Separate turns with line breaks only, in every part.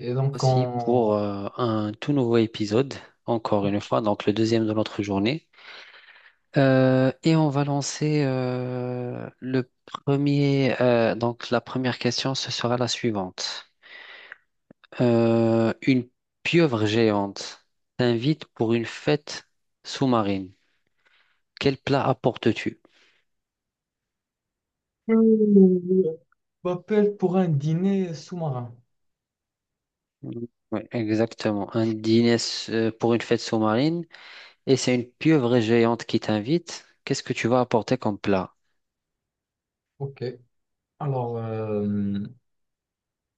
Et donc,
Aussi
on
pour un tout nouveau épisode, encore une fois, donc le deuxième de notre journée. Et on va lancer le premier. Donc la première question, ce sera la suivante. Une pieuvre géante t'invite pour une fête sous-marine. Quel plat apportes-tu?
Euh, m'appelle pour un dîner sous-marin.
Oui, exactement. Un dîner pour une fête sous-marine et c'est une pieuvre géante qui t'invite. Qu'est-ce que tu vas apporter comme plat?
Ok. Alors, euh,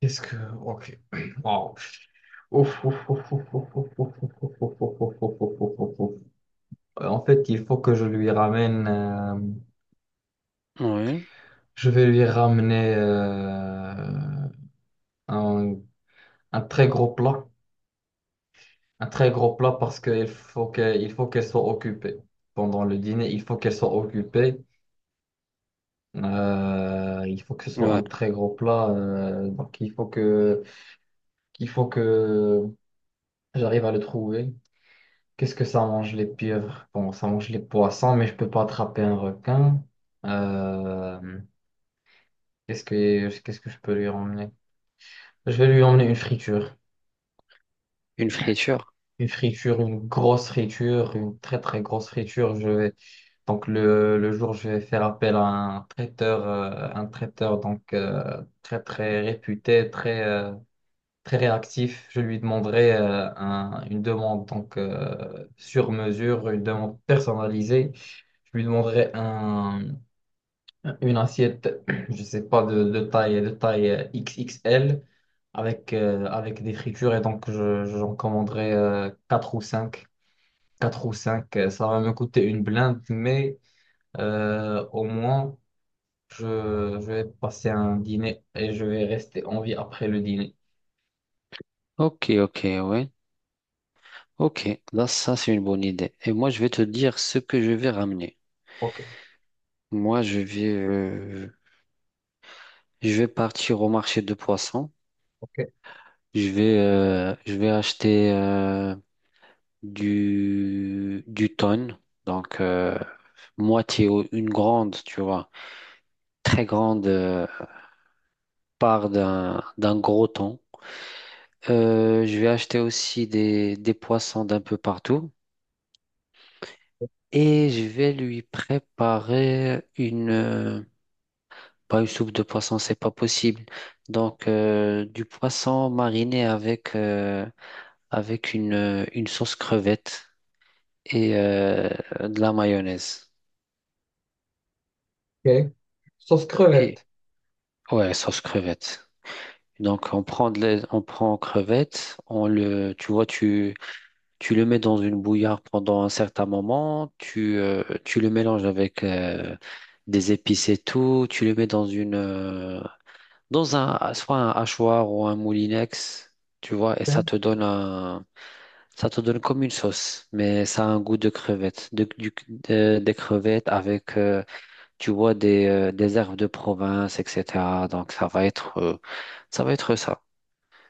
qu'est-ce que... Ok. Wow. Ouf, ouf, ouf, ouf, ouf, ouf, ouf, ouf, ouf, ouf, ouf, ouf, ouf, ouf, ouf, ouf. En fait, il faut que je lui ramène...
Oui,
Je vais lui ramener un, un très gros plat. Un très gros plat parce il faut qu'elle soit occupée. Pendant le dîner, il faut qu'elle soit occupée. Il faut que ce soit un
ouais.
très gros plat. Il faut que j'arrive à le trouver. Qu'est-ce que ça mange, les pieuvres? Bon, ça mange les poissons, mais je peux pas attraper un requin. Euh, Qu'est-ce que je peux lui emmener? Je vais lui emmener une friture.
Une friture.
Une friture, une grosse friture, une très très grosse friture. Donc le jour, je vais faire appel à un traiteur donc très très réputé, très réactif. Je lui demanderai une demande donc sur mesure, une demande personnalisée. Je lui demanderai une assiette, je sais pas, de taille XXL avec avec des fritures, et donc j'en commanderai 4 ou 5, 4 ou 5. Ça va me coûter une blinde, mais au moins je vais passer un dîner et je vais rester en vie après le dîner.
Ok, ok, ouais. Ok, là, ça, c'est une bonne idée. Et moi, je vais te dire ce que je vais ramener.
Ok,
Moi, je vais partir au marché de poissons.
ok,
Je vais acheter du thon. Donc, moitié, ou une grande, tu vois. Très grande part d'un gros thon. Je vais acheter aussi des poissons d'un peu partout et je vais lui préparer une pas une soupe de poisson, c'est pas possible. Donc du poisson mariné avec une sauce crevette et de la mayonnaise.
ok. Sauce
Et
crevette.
ouais, sauce crevette. Donc on prend crevette, on le tu vois tu tu le mets dans une bouillarde pendant un certain moment, tu le mélanges avec des épices et tout, tu le mets dans une dans un soit un hachoir ou un moulinex, tu vois, et
Ok,
ça te donne comme une sauce, mais ça a un goût de crevette, des crevettes avec tu vois des herbes de province, etc. Donc ça va être ça.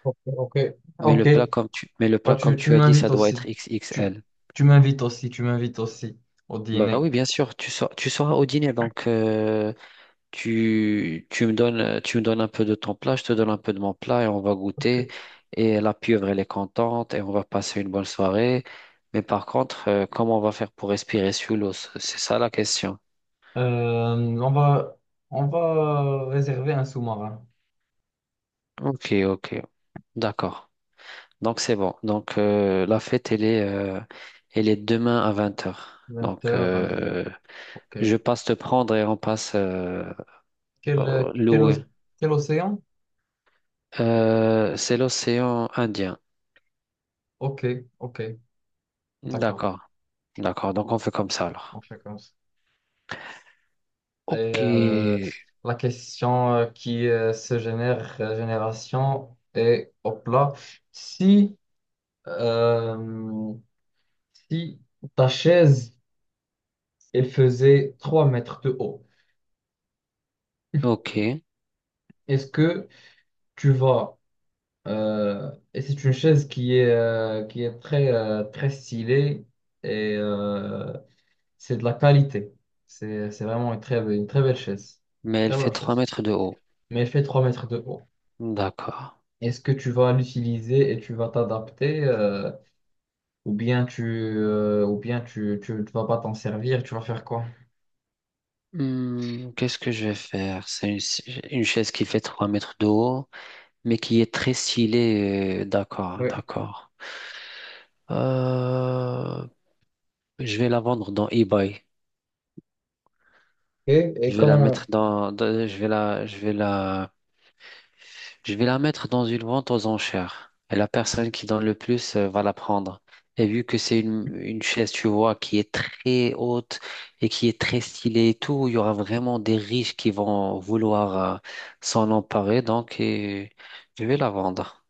ok, ok.
Mais
Ok.
le plat comme tu mais le
Bah,
plat comme
tu
tu as dit,
m'invites
ça doit
aussi.
être
Tu,
XXL.
Tu m'invites aussi, tu m'invites aussi au
Bah
dîner.
oui, bien sûr, tu seras au dîner, donc tu me donnes un peu de ton plat, je te donne un peu de mon plat et on va goûter.
Ok.
Et la pieuvre, elle est contente et on va passer une bonne soirée. Mais par contre, comment on va faire pour respirer sous l'eau? C'est ça la question.
Euh, on va, on va réserver un sous-marin.
Ok, ok, d'accord. Donc c'est bon. Donc la fête, elle est demain à 20 heures.
20
Donc
heures, ok.
je passe te prendre et on passe
Quel, quel,
louer.
oc- Quel océan?
C'est l'océan Indien.
Ok, ok, d'accord.
D'accord, d'accord. Donc on fait comme ça alors.
On fait comme ça. Et
Ok,
la question qui se génère, génération, est, hop là, si, euh, si ta chaise et faisait 3 mètres de haut.
ok.
Est-ce que tu vas... Et c'est une chaise qui est très stylée, et euh, c'est de la qualité. C'est vraiment une très belle chaise.
Mais elle
Très bonne
fait trois
chaise.
mètres de haut.
Mais elle fait 3 mètres de haut.
D'accord.
Est-ce que tu vas l'utiliser et tu vas t'adapter, ou bien tu, ou bien tu, tu, tu vas pas t'en servir, tu vas faire quoi?
Hmm, qu'est-ce que je vais faire? C'est une chaise qui fait 3 mètres de haut, mais qui est très stylée. D'accord,
Oui.
d'accord. Euh, je vais la vendre dans eBay.
Et, et
Je vais la mettre
comment,
dans, dans- je vais la, je vais la Je vais la mettre dans une vente aux enchères. Et la personne qui donne le plus va la prendre. Et vu que c'est une chaise, tu vois, qui est très haute et qui est très stylée et tout, il y aura vraiment des riches qui vont vouloir s'en emparer. Donc, et je vais la vendre.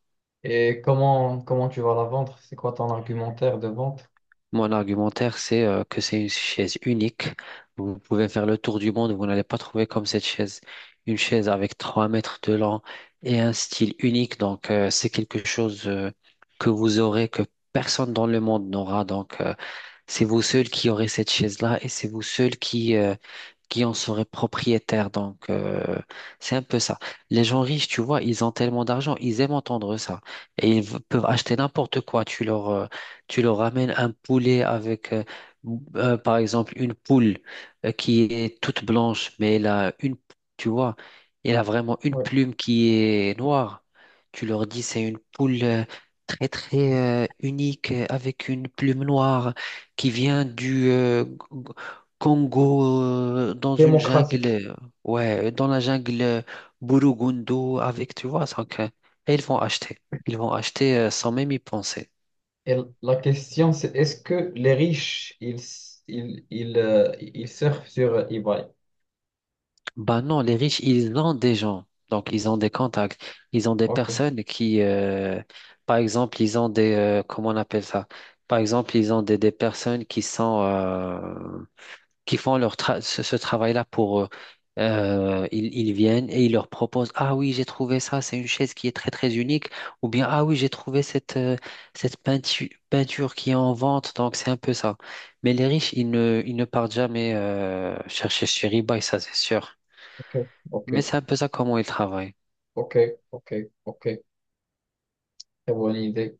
et comment, comment tu vas la vendre? C'est quoi, ton argumentaire de vente?
Mon argumentaire, c'est que c'est une chaise unique. Vous pouvez faire le tour du monde, vous n'allez pas trouver comme cette chaise. Une chaise avec 3 mètres de long et un style unique. Donc, c'est quelque chose que vous aurez, que personne dans le monde n'aura. Donc, c'est vous seul qui aurez cette chaise-là et c'est vous seul qui en seraient propriétaires. Donc, c'est un peu ça. Les gens riches, tu vois, ils ont tellement d'argent, ils aiment entendre ça. Et ils peuvent acheter n'importe quoi. Tu leur ramènes un poulet par exemple, une poule qui est toute blanche, mais elle a une, tu vois, elle a vraiment une plume qui est noire. Tu leur dis, c'est une poule. Très très unique avec une plume noire qui vient du Congo dans une jungle,
Démocratique.
ouais, dans la jungle Burundu avec, tu vois, donc, et ils vont acheter. Ils vont acheter sans même y penser.
Et la question, c'est: est-ce que les riches, ils surfent sur eBay?
Bah non, les riches, ils ont des gens, donc ils ont des contacts, ils ont des
Ok,
personnes par exemple, ils ont comment on appelle ça? Par exemple, ils ont des personnes qui font leur ce travail-là pour eux. Ils viennent et ils leur proposent, Ah oui, j'ai trouvé ça, c'est une chaise qui est très très unique, ou bien Ah oui, j'ai trouvé cette peinture qui est en vente, donc c'est un peu ça. Mais les riches, ils ne partent jamais chercher chez eBay, ça c'est sûr.
ok, ok,
Mais c'est un peu ça comment ils travaillent.
ok, ok, ok. Très bonne idée.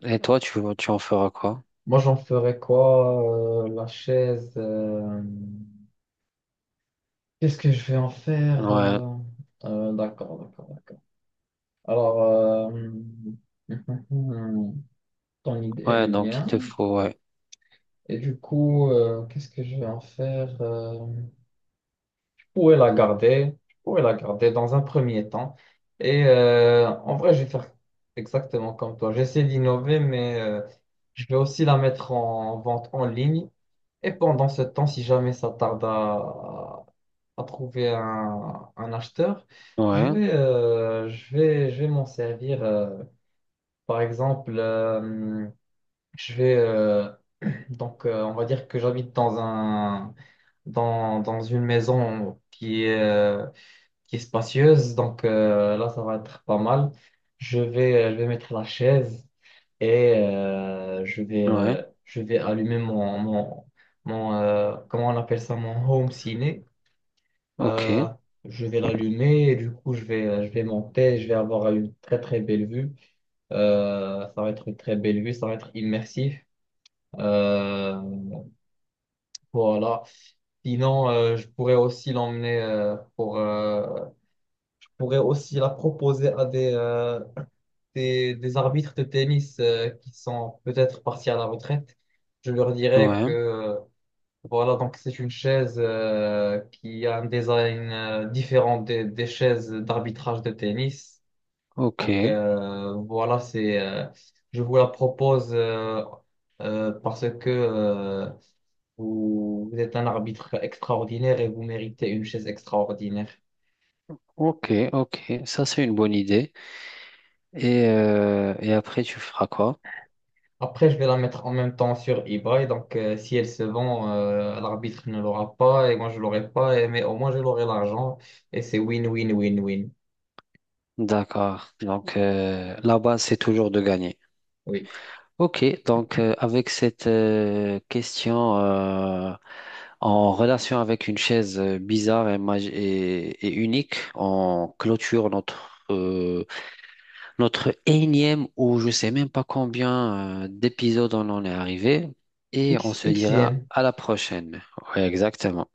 Et toi, tu en feras quoi?
Moi, j'en ferais quoi? La chaise. Qu'est-ce que je vais en faire?
Ouais,
D'accord, d'accord, d'accord. Alors, euh, Ton idée, elle
ouais,
est
donc il
bien.
te faut, ouais,
Et du coup, qu'est-ce que je vais en faire? Pourrais la garder, je pourrais la garder dans un premier temps. Et en vrai, je vais faire exactement comme toi. J'essaie d'innover, mais je vais aussi la mettre en vente en ligne. Et pendant ce temps, si jamais ça tarde à trouver un acheteur,
ouais,
je vais m'en servir. Par exemple, je vais, donc, On va dire que j'habite dans un dans une maison qui est spacieuse. Donc là, ça va être pas mal. Je vais mettre la chaise et
ouais,
je vais allumer comment on appelle ça, mon home ciné.
ok,
Euh, je vais l'allumer et du coup, je vais monter. Je vais avoir une très très belle vue. Ça va être une très belle vue. Ça va être immersif. Euh, voilà. Sinon, je pourrais aussi l'emmener pour. Je pourrais aussi la proposer à des arbitres de tennis qui sont peut-être partis à la retraite, je leur dirais que
ouais,
voilà, donc c'est une chaise qui a un design différent des chaises d'arbitrage de tennis. Donc
ok,
voilà, c'est je vous la propose, parce que vous, vous êtes un arbitre extraordinaire et vous méritez une chaise extraordinaire.
ok, ok, ça c'est une bonne idée. Et, et après, tu feras quoi?
Après, je vais la mettre en même temps sur eBay. Donc, si elle se vend, l'arbitre ne l'aura pas et moi, je l'aurai pas. Et- mais au moins, je l'aurai, l'argent. Et c'est win, win, win, win.
D'accord. Donc, la base, c'est toujours de gagner.
Oui.
Ok, donc avec cette question en relation avec une chaise bizarre et unique, on clôture notre énième ou je sais même pas combien d'épisodes on en est arrivé et on
X,
se dira
Xm.
à la prochaine. Ouais, exactement.